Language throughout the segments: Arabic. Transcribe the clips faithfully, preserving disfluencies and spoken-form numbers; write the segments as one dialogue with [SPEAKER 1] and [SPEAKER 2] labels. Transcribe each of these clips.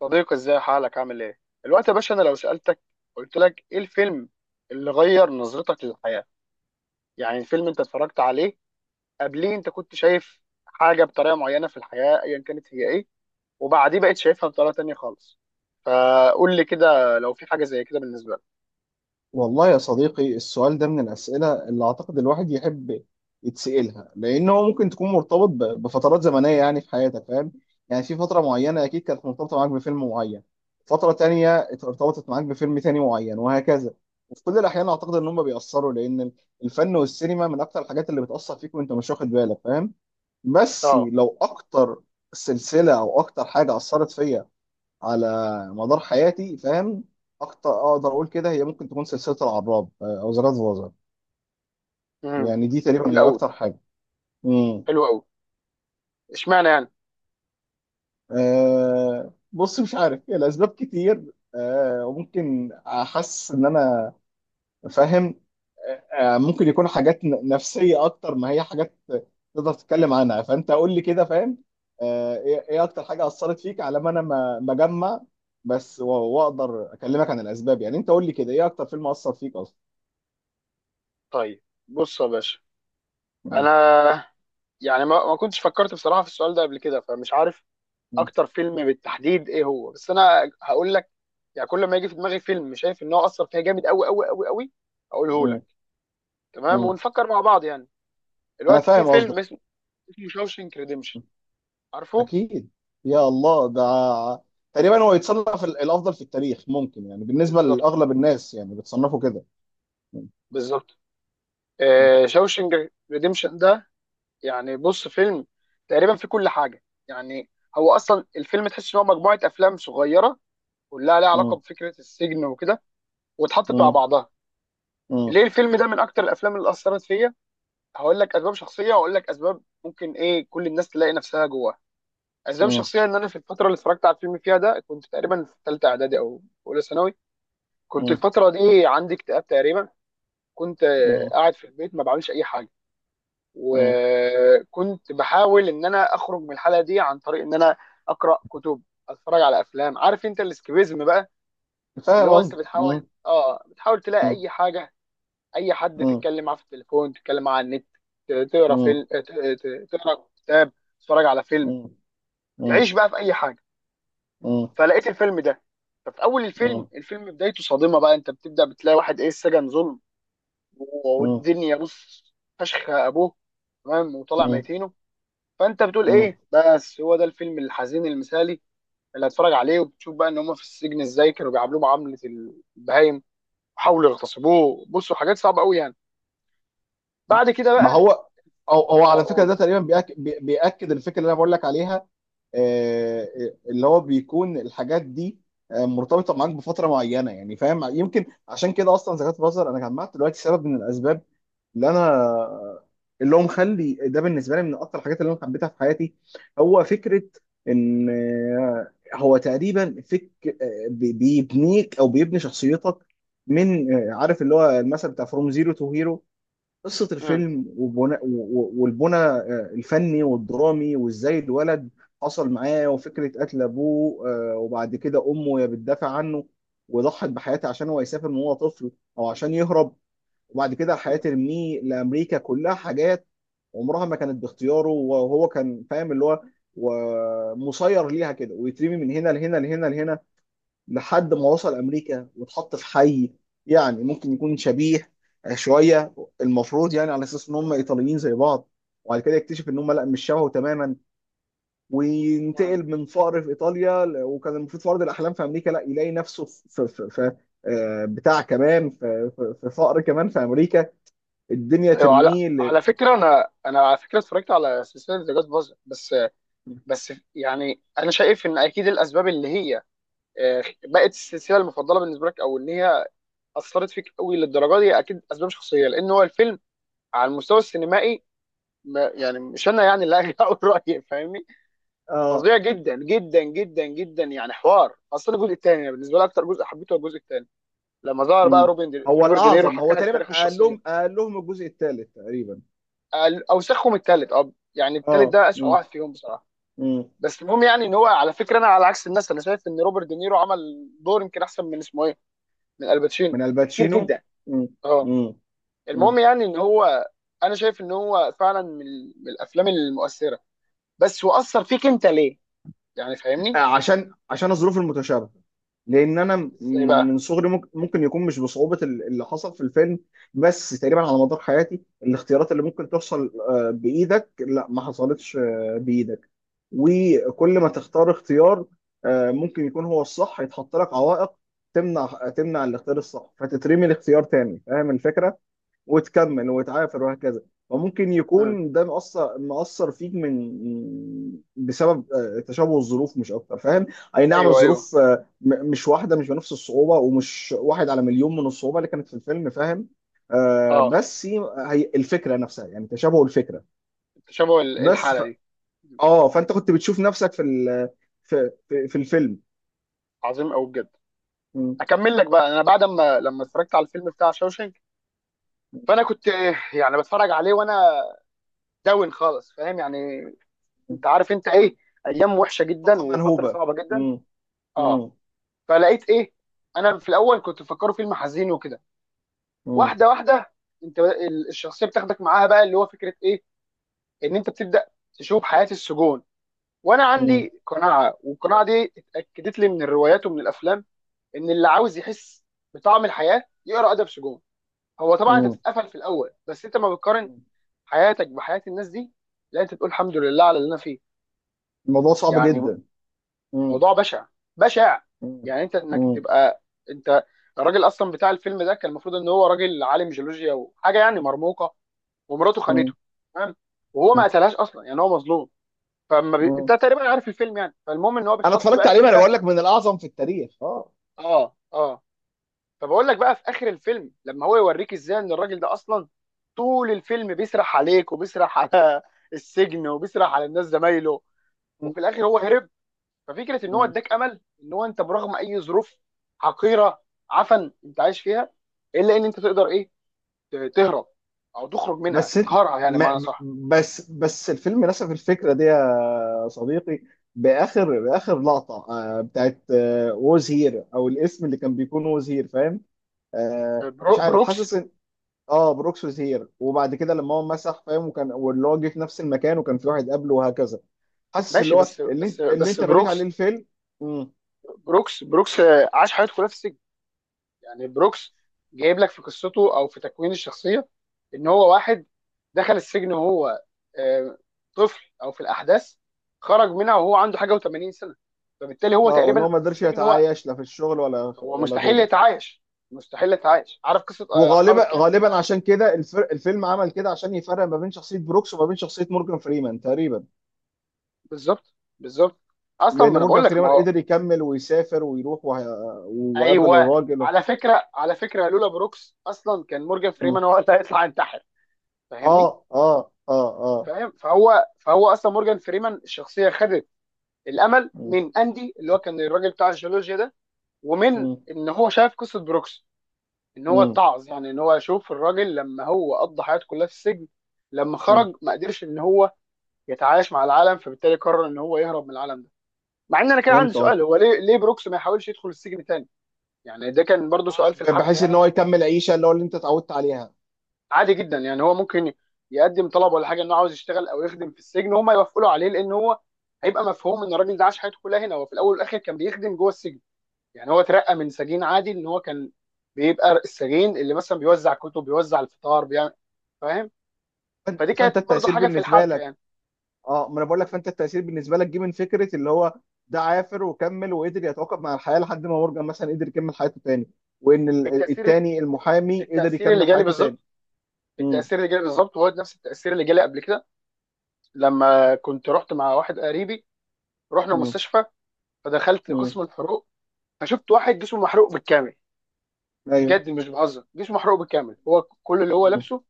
[SPEAKER 1] صديقي، ازاي حالك، عامل ايه؟ الوقت يا باشا، انا لو سألتك، قلت لك ايه الفيلم اللي غير نظرتك للحياة؟ يعني الفيلم انت اتفرجت عليه قبليه انت كنت شايف حاجة بطريقة معينة في الحياة، ايا كانت هي ايه، وبعديه بقيت شايفها بطريقة تانية خالص. فقول لي كده لو في حاجة زي كده بالنسبة لك.
[SPEAKER 2] والله يا صديقي، السؤال ده من الأسئلة اللي أعتقد الواحد يحب يتسألها، لأن هو ممكن تكون مرتبط ب- بفترات زمنية يعني في حياتك، فاهم يعني؟ في فترة معينة أكيد كانت مرتبطة معاك بفيلم معين، فترة تانية ارتبطت معاك بفيلم تاني معين، وهكذا. وفي كل الأحيان أعتقد إن هم بيأثروا، لأن الفن والسينما من أكتر الحاجات اللي بتأثر فيك وأنت مش واخد بالك، فاهم؟ بس
[SPEAKER 1] اه.
[SPEAKER 2] لو أكتر سلسلة أو أكتر حاجة أثرت فيا على مدار حياتي، فاهم؟ اكتر اقدر اقول كده، هي ممكن تكون سلسله العراب آه، او زراد فازر.
[SPEAKER 1] امم
[SPEAKER 2] يعني دي تقريبا
[SPEAKER 1] جميل
[SPEAKER 2] هي
[SPEAKER 1] قوي.
[SPEAKER 2] اكتر حاجه. امم.
[SPEAKER 1] حلو قوي. اشمعنى يعني؟
[SPEAKER 2] أه بص، مش عارف، هي الاسباب كتير. أه وممكن احس ان انا فاهم. أه آه، ممكن يكون حاجات ن- نفسيه اكتر ما هي حاجات تقدر تتكلم عنها، فانت قول لي كده فاهم. أه ايه، إيه اكتر حاجه اثرت فيك على ما انا ما ما اجمع بس و- واقدر اكلمك عن الاسباب؟ يعني انت قول لي كده، ايه اكتر فيلم اثر فيك اصلا؟
[SPEAKER 1] طيب، بص يا باشا. انا يعني ما ما كنتش فكرت بصراحة في السؤال ده قبل كده، فمش عارف
[SPEAKER 2] مم.
[SPEAKER 1] اكتر فيلم بالتحديد ايه هو، بس انا هقول لك يعني كل ما يجي في دماغي فيلم شايف ان هو اثر فيها جامد قوي قوي قوي قوي اقوله
[SPEAKER 2] مم.
[SPEAKER 1] لك، تمام
[SPEAKER 2] مم.
[SPEAKER 1] ونفكر مع بعض يعني.
[SPEAKER 2] انا
[SPEAKER 1] دلوقتي في
[SPEAKER 2] فاهم
[SPEAKER 1] فيلم
[SPEAKER 2] قصدك.
[SPEAKER 1] اسمه اسمه شاوشنك ريديمشن. عارفه؟
[SPEAKER 2] اكيد، يا الله ده تقريبا هو يتصنف ال- الافضل في التاريخ ممكن، يعني بالنسبه
[SPEAKER 1] بالظبط،
[SPEAKER 2] لاغلب الناس يعني بتصنفه كده. مم.
[SPEAKER 1] بالظبط. آه شاوشنك ريديمشن ده، يعني بص، فيلم تقريبا فيه كل حاجه يعني. هو اصلا الفيلم تحس ان هو مجموعه افلام صغيره كلها ليها علاقه
[SPEAKER 2] مم.
[SPEAKER 1] بفكره السجن وكده، واتحطت مع
[SPEAKER 2] مم.
[SPEAKER 1] بعضها.
[SPEAKER 2] مم.
[SPEAKER 1] ليه الفيلم ده من اكتر الافلام اللي اثرت فيا؟ هقول لك اسباب شخصيه، واقول لك اسباب ممكن ايه كل الناس تلاقي نفسها جواها. اسباب
[SPEAKER 2] مم.
[SPEAKER 1] شخصيه ان انا في الفتره اللي اتفرجت على الفيلم فيها ده كنت تقريبا في ثالثه اعدادي او اولى ثانوي. كنت
[SPEAKER 2] مم.
[SPEAKER 1] الفتره دي عندي اكتئاب تقريبا. كنت آه،
[SPEAKER 2] مم.
[SPEAKER 1] قاعد في البيت ما بعملش اي حاجه.
[SPEAKER 2] مم.
[SPEAKER 1] وكنت بحاول ان انا اخرج من الحاله دي عن طريق ان انا اقرا كتب، اتفرج على افلام. عارف انت الاسكيبيزم بقى، اللي
[SPEAKER 2] فاهم
[SPEAKER 1] هو انت
[SPEAKER 2] قصدي.
[SPEAKER 1] بتحاول،
[SPEAKER 2] مم.
[SPEAKER 1] اه بتحاول تلاقي
[SPEAKER 2] مم.
[SPEAKER 1] اي حاجه، اي حد
[SPEAKER 2] مم.
[SPEAKER 1] تتكلم معاه في التليفون، تتكلم معاه على النت، ت- تقرا
[SPEAKER 2] مم.
[SPEAKER 1] فيلم، ت- ت- تقرا كتاب، تتفرج على فيلم،
[SPEAKER 2] مم. مم.
[SPEAKER 1] تعيش بقى في اي حاجه. فلقيت الفيلم ده. ففي اول الفيلم
[SPEAKER 2] مم.
[SPEAKER 1] الفيلم بدايته صادمه بقى. انت بتبدا بتلاقي واحد، ايه، السجن ظلم
[SPEAKER 2] مم.
[SPEAKER 1] والدنيا بص، فشخ ابوه تمام، وطلع ميتينه. فانت بتقول
[SPEAKER 2] مم.
[SPEAKER 1] ايه، بس هو ده الفيلم الحزين المثالي اللي هتفرج عليه. وبتشوف بقى ان هم في السجن ازاي كانوا بيعاملوه معامله البهايم، وحاولوا يغتصبوه. بصوا حاجات صعبه قوي يعني. بعد كده
[SPEAKER 2] ما
[SPEAKER 1] بقى
[SPEAKER 2] هو، او هو على فكره
[SPEAKER 1] اقول.
[SPEAKER 2] ده تقريبا بيأك... بي- بيأكد الفكره اللي انا بقول لك عليها. آه، اللي هو بيكون الحاجات دي آه، مرتبطه معاك بفتره معينه، يعني فاهم، يمكن عشان كده اصلا زكاة الفطر انا جمعت دلوقتي سبب من الاسباب اللي انا اللي هو مخلي ده بالنسبه لي من اكتر الحاجات اللي انا حبيتها في حياتي. هو فكره ان آه، هو تقريبا فك بيبنيك او بيبني شخصيتك، من آه، عارف اللي هو المثل بتاع فروم زيرو تو هيرو. قصة الفيلم وبناء والبنى آه، الفني والدرامي، وازاي الولد حصل معاه وفكرة قتل أبوه، آه، وبعد كده أمه هي بتدافع عنه وضحت بحياتها عشان هو يسافر من وهو طفل، أو عشان يهرب، وبعد كده الحياة
[SPEAKER 1] مم.
[SPEAKER 2] ترميه لأمريكا. كلها حاجات عمرها ما كانت باختياره، وهو كان فاهم اللي هو ومسير ليها كده، ويترمي من هنا لهنا لهنا لهنا لحد ما وصل امريكا واتحط في حي يعني ممكن يكون شبيه شويه المفروض، يعني على اساس ان هم ايطاليين زي بعض، وبعد كده يكتشف ان هم لا مش شبهه تماما.
[SPEAKER 1] مم.
[SPEAKER 2] وينتقل من فقر في ايطاليا ل- وكان المفروض في ارض الاحلام في امريكا لا يلاقي نفسه في في في آه، بتاع، كمان في في- في فقر كمان في امريكا، الدنيا
[SPEAKER 1] ايوه، على
[SPEAKER 2] ترميه
[SPEAKER 1] على
[SPEAKER 2] ل-
[SPEAKER 1] فكره، انا انا على فكره اتفرجت على سلسله ذا جاد فازر، بس. بس يعني انا شايف ان اكيد الاسباب اللي هي آه، بقت السلسله المفضله بالنسبه لك، او ان هي اثرت فيك قوي للدرجه دي، اكيد اسباب شخصيه. لان هو الفيلم على المستوى السينمائي، ما يعني، مش انا يعني اللي هاجي اقول رايي، فاهمني،
[SPEAKER 2] اه.
[SPEAKER 1] فظيع جدا جدا جدا جدا يعني. حوار اصلا. الجزء الثاني بالنسبه لي اكتر جزء حبيته هو الجزء الثاني، لما ظهر بقى
[SPEAKER 2] مم.
[SPEAKER 1] روبن دي...
[SPEAKER 2] هو
[SPEAKER 1] روبرت دينيرو
[SPEAKER 2] الاعظم،
[SPEAKER 1] حكى
[SPEAKER 2] هو
[SPEAKER 1] لك
[SPEAKER 2] تقريبا
[SPEAKER 1] تاريخ
[SPEAKER 2] قال
[SPEAKER 1] الشخصيه.
[SPEAKER 2] لهم قال لهم الجزء الثالث تقريبا.
[SPEAKER 1] اوسخهم التالت، اه يعني التالت
[SPEAKER 2] اه.
[SPEAKER 1] ده اسوء
[SPEAKER 2] مم.
[SPEAKER 1] واحد فيهم بصراحه.
[SPEAKER 2] مم.
[SPEAKER 1] بس المهم يعني ان هو، على فكره، انا على عكس الناس، انا شايف ان روبرت دينيرو عمل دور يمكن احسن من اسمه ايه، من الباتشينو،
[SPEAKER 2] من
[SPEAKER 1] بكتير
[SPEAKER 2] الباتشينو.
[SPEAKER 1] جدا.
[SPEAKER 2] مم.
[SPEAKER 1] اه.
[SPEAKER 2] مم. مم.
[SPEAKER 1] المهم يعني ان هو، انا شايف ان هو فعلا من, من الافلام المؤثره. بس هو اثر فيك انت ليه؟ يعني
[SPEAKER 2] آه،
[SPEAKER 1] فاهمني،
[SPEAKER 2] عشان عشان الظروف المتشابهه، لان انا م-
[SPEAKER 1] ازاي
[SPEAKER 2] من
[SPEAKER 1] بقى؟
[SPEAKER 2] صغري، ممكن ممكن يكون مش بصعوبه ال- اللي حصل في الفيلم، بس تقريبا على مدار حياتي الاختيارات اللي ممكن تحصل آه، بايدك لا ما حصلتش آه، بايدك. وكل ما تختار اختيار آه، ممكن يكون هو الصح يتحط لك عوائق تمنع تمنع الاختيار الصح، فتترمي الاختيار تاني، فاهم الفكره؟ وتكمل وتعافر وهكذا. وممكن
[SPEAKER 1] مم.
[SPEAKER 2] يكون ده مأثر مأثر فيك من بسبب آه، تشابه الظروف مش أكتر، فاهم؟ أي نعم،
[SPEAKER 1] ايوه، ايوه.
[SPEAKER 2] الظروف آه، م- مش واحدة، مش بنفس الصعوبة ومش واحد على مليون من الصعوبة اللي كانت في الفيلم، فاهم؟ آه
[SPEAKER 1] اه،
[SPEAKER 2] بس هي، هي الفكرة نفسها، يعني تشابه الفكرة.
[SPEAKER 1] تشابه ال-
[SPEAKER 2] بس
[SPEAKER 1] الحاله
[SPEAKER 2] ف...
[SPEAKER 1] دي.
[SPEAKER 2] اه، فأنت كنت بتشوف نفسك في ال... في في, في الفيلم.
[SPEAKER 1] عظيم قوي بجد.
[SPEAKER 2] م-
[SPEAKER 1] اكمل لك بقى. انا بعد ما لما اتفرجت على الفيلم بتاع شوشنك،
[SPEAKER 2] م-
[SPEAKER 1] فانا كنت يعني بتفرج عليه وانا داون خالص، فاهم يعني.
[SPEAKER 2] م.
[SPEAKER 1] انت عارف انت ايه، ايام وحشه جدا
[SPEAKER 2] الطاقة
[SPEAKER 1] وفتره
[SPEAKER 2] منهوبة.
[SPEAKER 1] صعبه جدا.
[SPEAKER 2] م-
[SPEAKER 1] اه.
[SPEAKER 2] م-
[SPEAKER 1] فلقيت ايه، انا في الاول كنت مفكره فيلم حزين وكده.
[SPEAKER 2] م-
[SPEAKER 1] واحده واحده انت ال- الشخصيه بتاخدك معاها بقى، اللي هو فكره ايه، ان انت بتبدا تشوف حياه السجون. وانا
[SPEAKER 2] م-
[SPEAKER 1] عندي قناعه، والقناعه دي اتاكدت لي من الروايات ومن الافلام، ان اللي عاوز يحس بطعم الحياه يقرا ادب سجون. هو طبعا انت
[SPEAKER 2] م-
[SPEAKER 1] بتتقفل في الاول، بس انت ما بتقارن
[SPEAKER 2] م.
[SPEAKER 1] حياتك بحياه الناس دي، لا انت تقول الحمد لله على اللي انا فيه،
[SPEAKER 2] الموضوع صعب
[SPEAKER 1] يعني.
[SPEAKER 2] جدا.
[SPEAKER 1] موضوع بشع بشع
[SPEAKER 2] مم.
[SPEAKER 1] يعني. انت انك
[SPEAKER 2] مم.
[SPEAKER 1] تبقى انت. الراجل اصلا بتاع الفيلم ده كان المفروض ان هو راجل عالم جيولوجيا وحاجه يعني مرموقه. ومراته خانته،
[SPEAKER 2] مم.
[SPEAKER 1] تمام، وهو ما
[SPEAKER 2] مم.
[SPEAKER 1] قتلهاش اصلا، يعني هو مظلوم. فما بي... انت
[SPEAKER 2] مم.
[SPEAKER 1] تقريبا عارف الفيلم يعني. فالمهم ان هو
[SPEAKER 2] انا
[SPEAKER 1] بيتحط
[SPEAKER 2] اتفرجت
[SPEAKER 1] بقى في
[SPEAKER 2] عليه، ما انا
[SPEAKER 1] بيئه.
[SPEAKER 2] بقول لك من الاعظم في التاريخ. اه.
[SPEAKER 1] اه، اه. فبقول لك بقى، في اخر الفيلم، لما هو يوريك ازاي ان الراجل ده اصلا طول الفيلم بيسرح عليك، وبيسرح على السجن، وبيسرح على الناس زمايله،
[SPEAKER 2] مم.
[SPEAKER 1] وفي الاخر هو هرب. ففكره ان هو
[SPEAKER 2] مم.
[SPEAKER 1] اداك امل، ان هو انت برغم اي ظروف حقيره عفن انت عايش فيها، الا ان انت تقدر، ايه، ت- تهرب، او تخرج منها،
[SPEAKER 2] بس إنت-
[SPEAKER 1] تقهرها، يعني معنى
[SPEAKER 2] ما
[SPEAKER 1] صح.
[SPEAKER 2] بس بس الفيلم نسف الفكره دي يا صديقي. باخر باخر لقطه آه، بتاعت ووز هير، او الاسم اللي كان بيكون ووز هير، فاهم؟ آه، مش
[SPEAKER 1] برو-
[SPEAKER 2] عارف،
[SPEAKER 1] بروكس،
[SPEAKER 2] حاسس ان اه بروكس ووز هير، وبعد كده لما هو مسح فاهم، وكان، واللي هو جه في نفس المكان وكان في واحد قبله وهكذا. حاسس اللي
[SPEAKER 1] ماشي.
[SPEAKER 2] هو
[SPEAKER 1] بس
[SPEAKER 2] اللي,
[SPEAKER 1] بس
[SPEAKER 2] اللي
[SPEAKER 1] بس
[SPEAKER 2] انت بنيت عليه
[SPEAKER 1] بروكس،
[SPEAKER 2] الفيلم.
[SPEAKER 1] بروكس بروكس آه، عاش حياته كلها في السجن. يعني بروكس جايب لك في قصته او في تكوين الشخصيه، ان هو واحد دخل السجن وهو آه، طفل او في الاحداث، خرج منها وهو عنده حاجه و80 سنه. فبالتالي هو
[SPEAKER 2] اه، وان هو
[SPEAKER 1] تقريبا
[SPEAKER 2] ما قدرش
[SPEAKER 1] السجن هو،
[SPEAKER 2] يتعايش لا في الشغل ولا
[SPEAKER 1] هو
[SPEAKER 2] ولا
[SPEAKER 1] مستحيل
[SPEAKER 2] غيره.
[SPEAKER 1] يتعايش. مستحيل يتعايش. عارف قصه آه، اصحاب
[SPEAKER 2] وغالبا
[SPEAKER 1] الكهف
[SPEAKER 2] غالبا
[SPEAKER 1] كده.
[SPEAKER 2] عشان كده الفر... الفيلم عمل كده عشان يفرق ما بين شخصيه بروكس وما بين شخصيه مورجان فريمان تقريبا.
[SPEAKER 1] بالظبط، بالظبط. اصلا
[SPEAKER 2] لان
[SPEAKER 1] ما انا
[SPEAKER 2] مورجان
[SPEAKER 1] بقول لك، ما
[SPEAKER 2] فريمان
[SPEAKER 1] هو.
[SPEAKER 2] قدر يكمل ويسافر ويروح وه... وقابل
[SPEAKER 1] ايوه،
[SPEAKER 2] الراجل و...
[SPEAKER 1] على فكره على فكره لولا بروكس اصلا كان مورجان فريمان
[SPEAKER 2] مم.
[SPEAKER 1] هو اللي هيطلع ينتحر. فاهمني.
[SPEAKER 2] اه اه اه اه.
[SPEAKER 1] فاهم، فهو فهو اصلا مورجان فريمان الشخصيه خدت الامل
[SPEAKER 2] مم.
[SPEAKER 1] من اندي، اللي هو كان الراجل بتاع الجيولوجيا ده، ومن
[SPEAKER 2] مم.
[SPEAKER 1] ان هو شاف قصه بروكس، ان هو
[SPEAKER 2] مم.
[SPEAKER 1] اتعظ، يعني ان هو يشوف الراجل لما هو قضى حياته كلها في السجن، لما
[SPEAKER 2] مم.
[SPEAKER 1] خرج ما قدرش ان هو يتعايش مع العالم، فبالتالي قرر ان هو يهرب من العالم ده. مع ان انا كان عندي
[SPEAKER 2] فهمت
[SPEAKER 1] سؤال،
[SPEAKER 2] قصدي.
[SPEAKER 1] هو ليه ليه بروكس ما يحاولش يدخل السجن تاني؟ يعني ده كان برضو سؤال في
[SPEAKER 2] ب-
[SPEAKER 1] الحبكه
[SPEAKER 2] بحيث ان
[SPEAKER 1] يعني.
[SPEAKER 2] هو يكمل عيشه اللي هو اللي انت اتعودت عليها.
[SPEAKER 1] عادي جدا يعني. هو ممكن يقدم طلب ولا حاجه انه عاوز يشتغل او يخدم في السجن، وهم يوافقوا له عليه، لان هو هيبقى مفهوم ان الراجل ده عاش حياته كلها هنا، هو في الاول والاخر كان بيخدم جوه السجن. يعني هو اترقى من سجين عادي ان هو كان بيبقى السجين اللي مثلا بيوزع كتب، بيوزع الفطار، بيعمل، فاهم.
[SPEAKER 2] فأن-
[SPEAKER 1] فدي كانت
[SPEAKER 2] فانت
[SPEAKER 1] برضو
[SPEAKER 2] التاثير
[SPEAKER 1] حاجه في
[SPEAKER 2] بالنسبه
[SPEAKER 1] الحبكه
[SPEAKER 2] لك.
[SPEAKER 1] يعني.
[SPEAKER 2] اه، ما انا بقول لك، فانت التاثير بالنسبه لك جه من فكره اللي هو ده عافر وكمل وقدر يتعاقب مع الحياه لحد ما مورجان مثلا قدر يكمل حياته تاني، وان ال-
[SPEAKER 1] التاثير
[SPEAKER 2] التاني المحامي قدر
[SPEAKER 1] التاثير اللي
[SPEAKER 2] يكمل
[SPEAKER 1] جالي
[SPEAKER 2] حياته تاني.
[SPEAKER 1] بالظبط.
[SPEAKER 2] امم.
[SPEAKER 1] التأثير اللي جالي بالظبط هو نفس التأثير اللي جالي قبل كده، لما كنت رحت مع واحد قريبي، رحنا
[SPEAKER 2] امم.
[SPEAKER 1] مستشفى، فدخلت
[SPEAKER 2] امم.
[SPEAKER 1] قسم الحروق، فشفت واحد جسمه محروق بالكامل.
[SPEAKER 2] ايوه.
[SPEAKER 1] بجد مش بهزر، جسمه محروق بالكامل. هو كل اللي هو
[SPEAKER 2] امم.
[SPEAKER 1] لابسه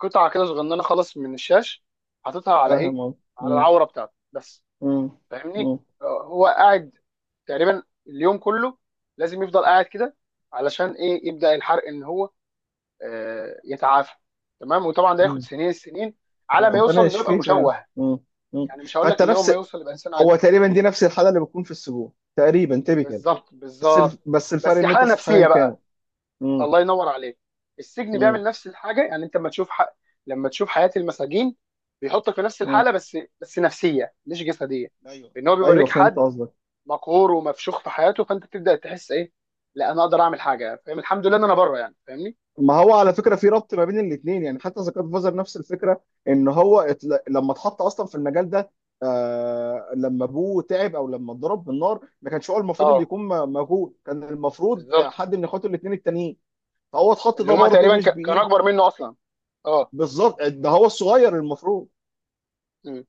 [SPEAKER 1] قطعة كده صغننة خالص من الشاش، حاططها على ايه،
[SPEAKER 2] فاهم اه.
[SPEAKER 1] على
[SPEAKER 2] امم.
[SPEAKER 1] العورة بتاعته بس،
[SPEAKER 2] امم.
[SPEAKER 1] فاهمني.
[SPEAKER 2] امم.
[SPEAKER 1] آه، هو قاعد تقريبا اليوم كله. لازم يفضل قاعد كده علشان ايه، يبدأ الحرق ان هو آه، يتعافى. تمام. وطبعا ده ياخد
[SPEAKER 2] مم.
[SPEAKER 1] سنين السنين
[SPEAKER 2] يا
[SPEAKER 1] على
[SPEAKER 2] رب
[SPEAKER 1] ما
[SPEAKER 2] ربنا
[SPEAKER 1] يوصل انه يبقى
[SPEAKER 2] يشفيه فعلا.
[SPEAKER 1] مشوه.
[SPEAKER 2] امم. امم.
[SPEAKER 1] يعني مش هقول
[SPEAKER 2] فانت
[SPEAKER 1] لك ان هو ما
[SPEAKER 2] نفس،
[SPEAKER 1] يوصل يبقى انسان عادي.
[SPEAKER 2] هو تقريبا دي نفس الحاله اللي بتكون في السجون تقريبا تبقى.
[SPEAKER 1] بالظبط،
[SPEAKER 2] بس الف...
[SPEAKER 1] بالظبط.
[SPEAKER 2] بس الفرق
[SPEAKER 1] بس
[SPEAKER 2] ان انت
[SPEAKER 1] حاله
[SPEAKER 2] صحيا
[SPEAKER 1] نفسيه
[SPEAKER 2] كامل.
[SPEAKER 1] بقى.
[SPEAKER 2] امم.
[SPEAKER 1] الله ينور عليك. السجن بيعمل
[SPEAKER 2] امم.
[SPEAKER 1] نفس الحاجه. يعني انت لما تشوف حق... لما تشوف حياه المساجين، بيحطك في نفس
[SPEAKER 2] امم.
[SPEAKER 1] الحاله، بس بس نفسيه مش جسديه.
[SPEAKER 2] ايوه.
[SPEAKER 1] ان هو
[SPEAKER 2] ايوه،
[SPEAKER 1] بيوريك
[SPEAKER 2] فهمت
[SPEAKER 1] حد
[SPEAKER 2] قصدك.
[SPEAKER 1] مقهور ومفشوخ في حياته، فانت بتبدا تحس، ايه، لا انا اقدر اعمل حاجه، فاهم، الحمد لله ان انا بره يعني، فاهمني.
[SPEAKER 2] ما هو على فكره في ربط ما بين الاثنين، يعني حتى زكاة فازر نفس الفكره، ان هو اتل... لما اتحط اصلا في المجال ده، آه... لما ابوه تعب او لما اتضرب بالنار، ما كانش هو المفروض اللي
[SPEAKER 1] اه،
[SPEAKER 2] يكون م- موجود، كان المفروض آه،
[SPEAKER 1] بالظبط.
[SPEAKER 2] حد من اخواته الاثنين التانيين، فهو اتحط
[SPEAKER 1] اللي
[SPEAKER 2] ده
[SPEAKER 1] هم
[SPEAKER 2] برضه
[SPEAKER 1] تقريبا
[SPEAKER 2] مش
[SPEAKER 1] ك... كانوا
[SPEAKER 2] بايد.
[SPEAKER 1] اكبر منه اصلا. اه.
[SPEAKER 2] بالظبط ده هو الصغير المفروض.
[SPEAKER 1] مم.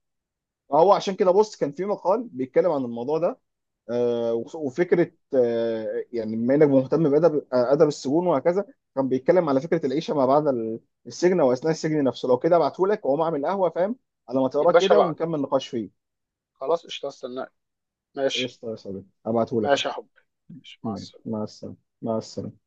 [SPEAKER 2] فهو عشان كده بص، كان في مقال بيتكلم عن الموضوع ده، آه، وف- وفكره، آه، يعني بما انك مهتم بادب آه، ادب السجون وهكذا، كان بيتكلم على فكره العيشه ما بعد ال- السجن واثناء السجن نفسه. لو كده ابعته لك واقوم اعمل قهوه، فاهم، على ما
[SPEAKER 1] يا
[SPEAKER 2] تقراه
[SPEAKER 1] باشا،
[SPEAKER 2] كده
[SPEAKER 1] بعد
[SPEAKER 2] ونكمل نقاش فيه.
[SPEAKER 1] خلاص قشطه استناك. ماشي.
[SPEAKER 2] قشطه يا صديقي، ابعته لك اهو.
[SPEAKER 1] ماشي يا حبي. ماشي. مع
[SPEAKER 2] ماشي،
[SPEAKER 1] السلامه.
[SPEAKER 2] مع السلامه. مع السلامه.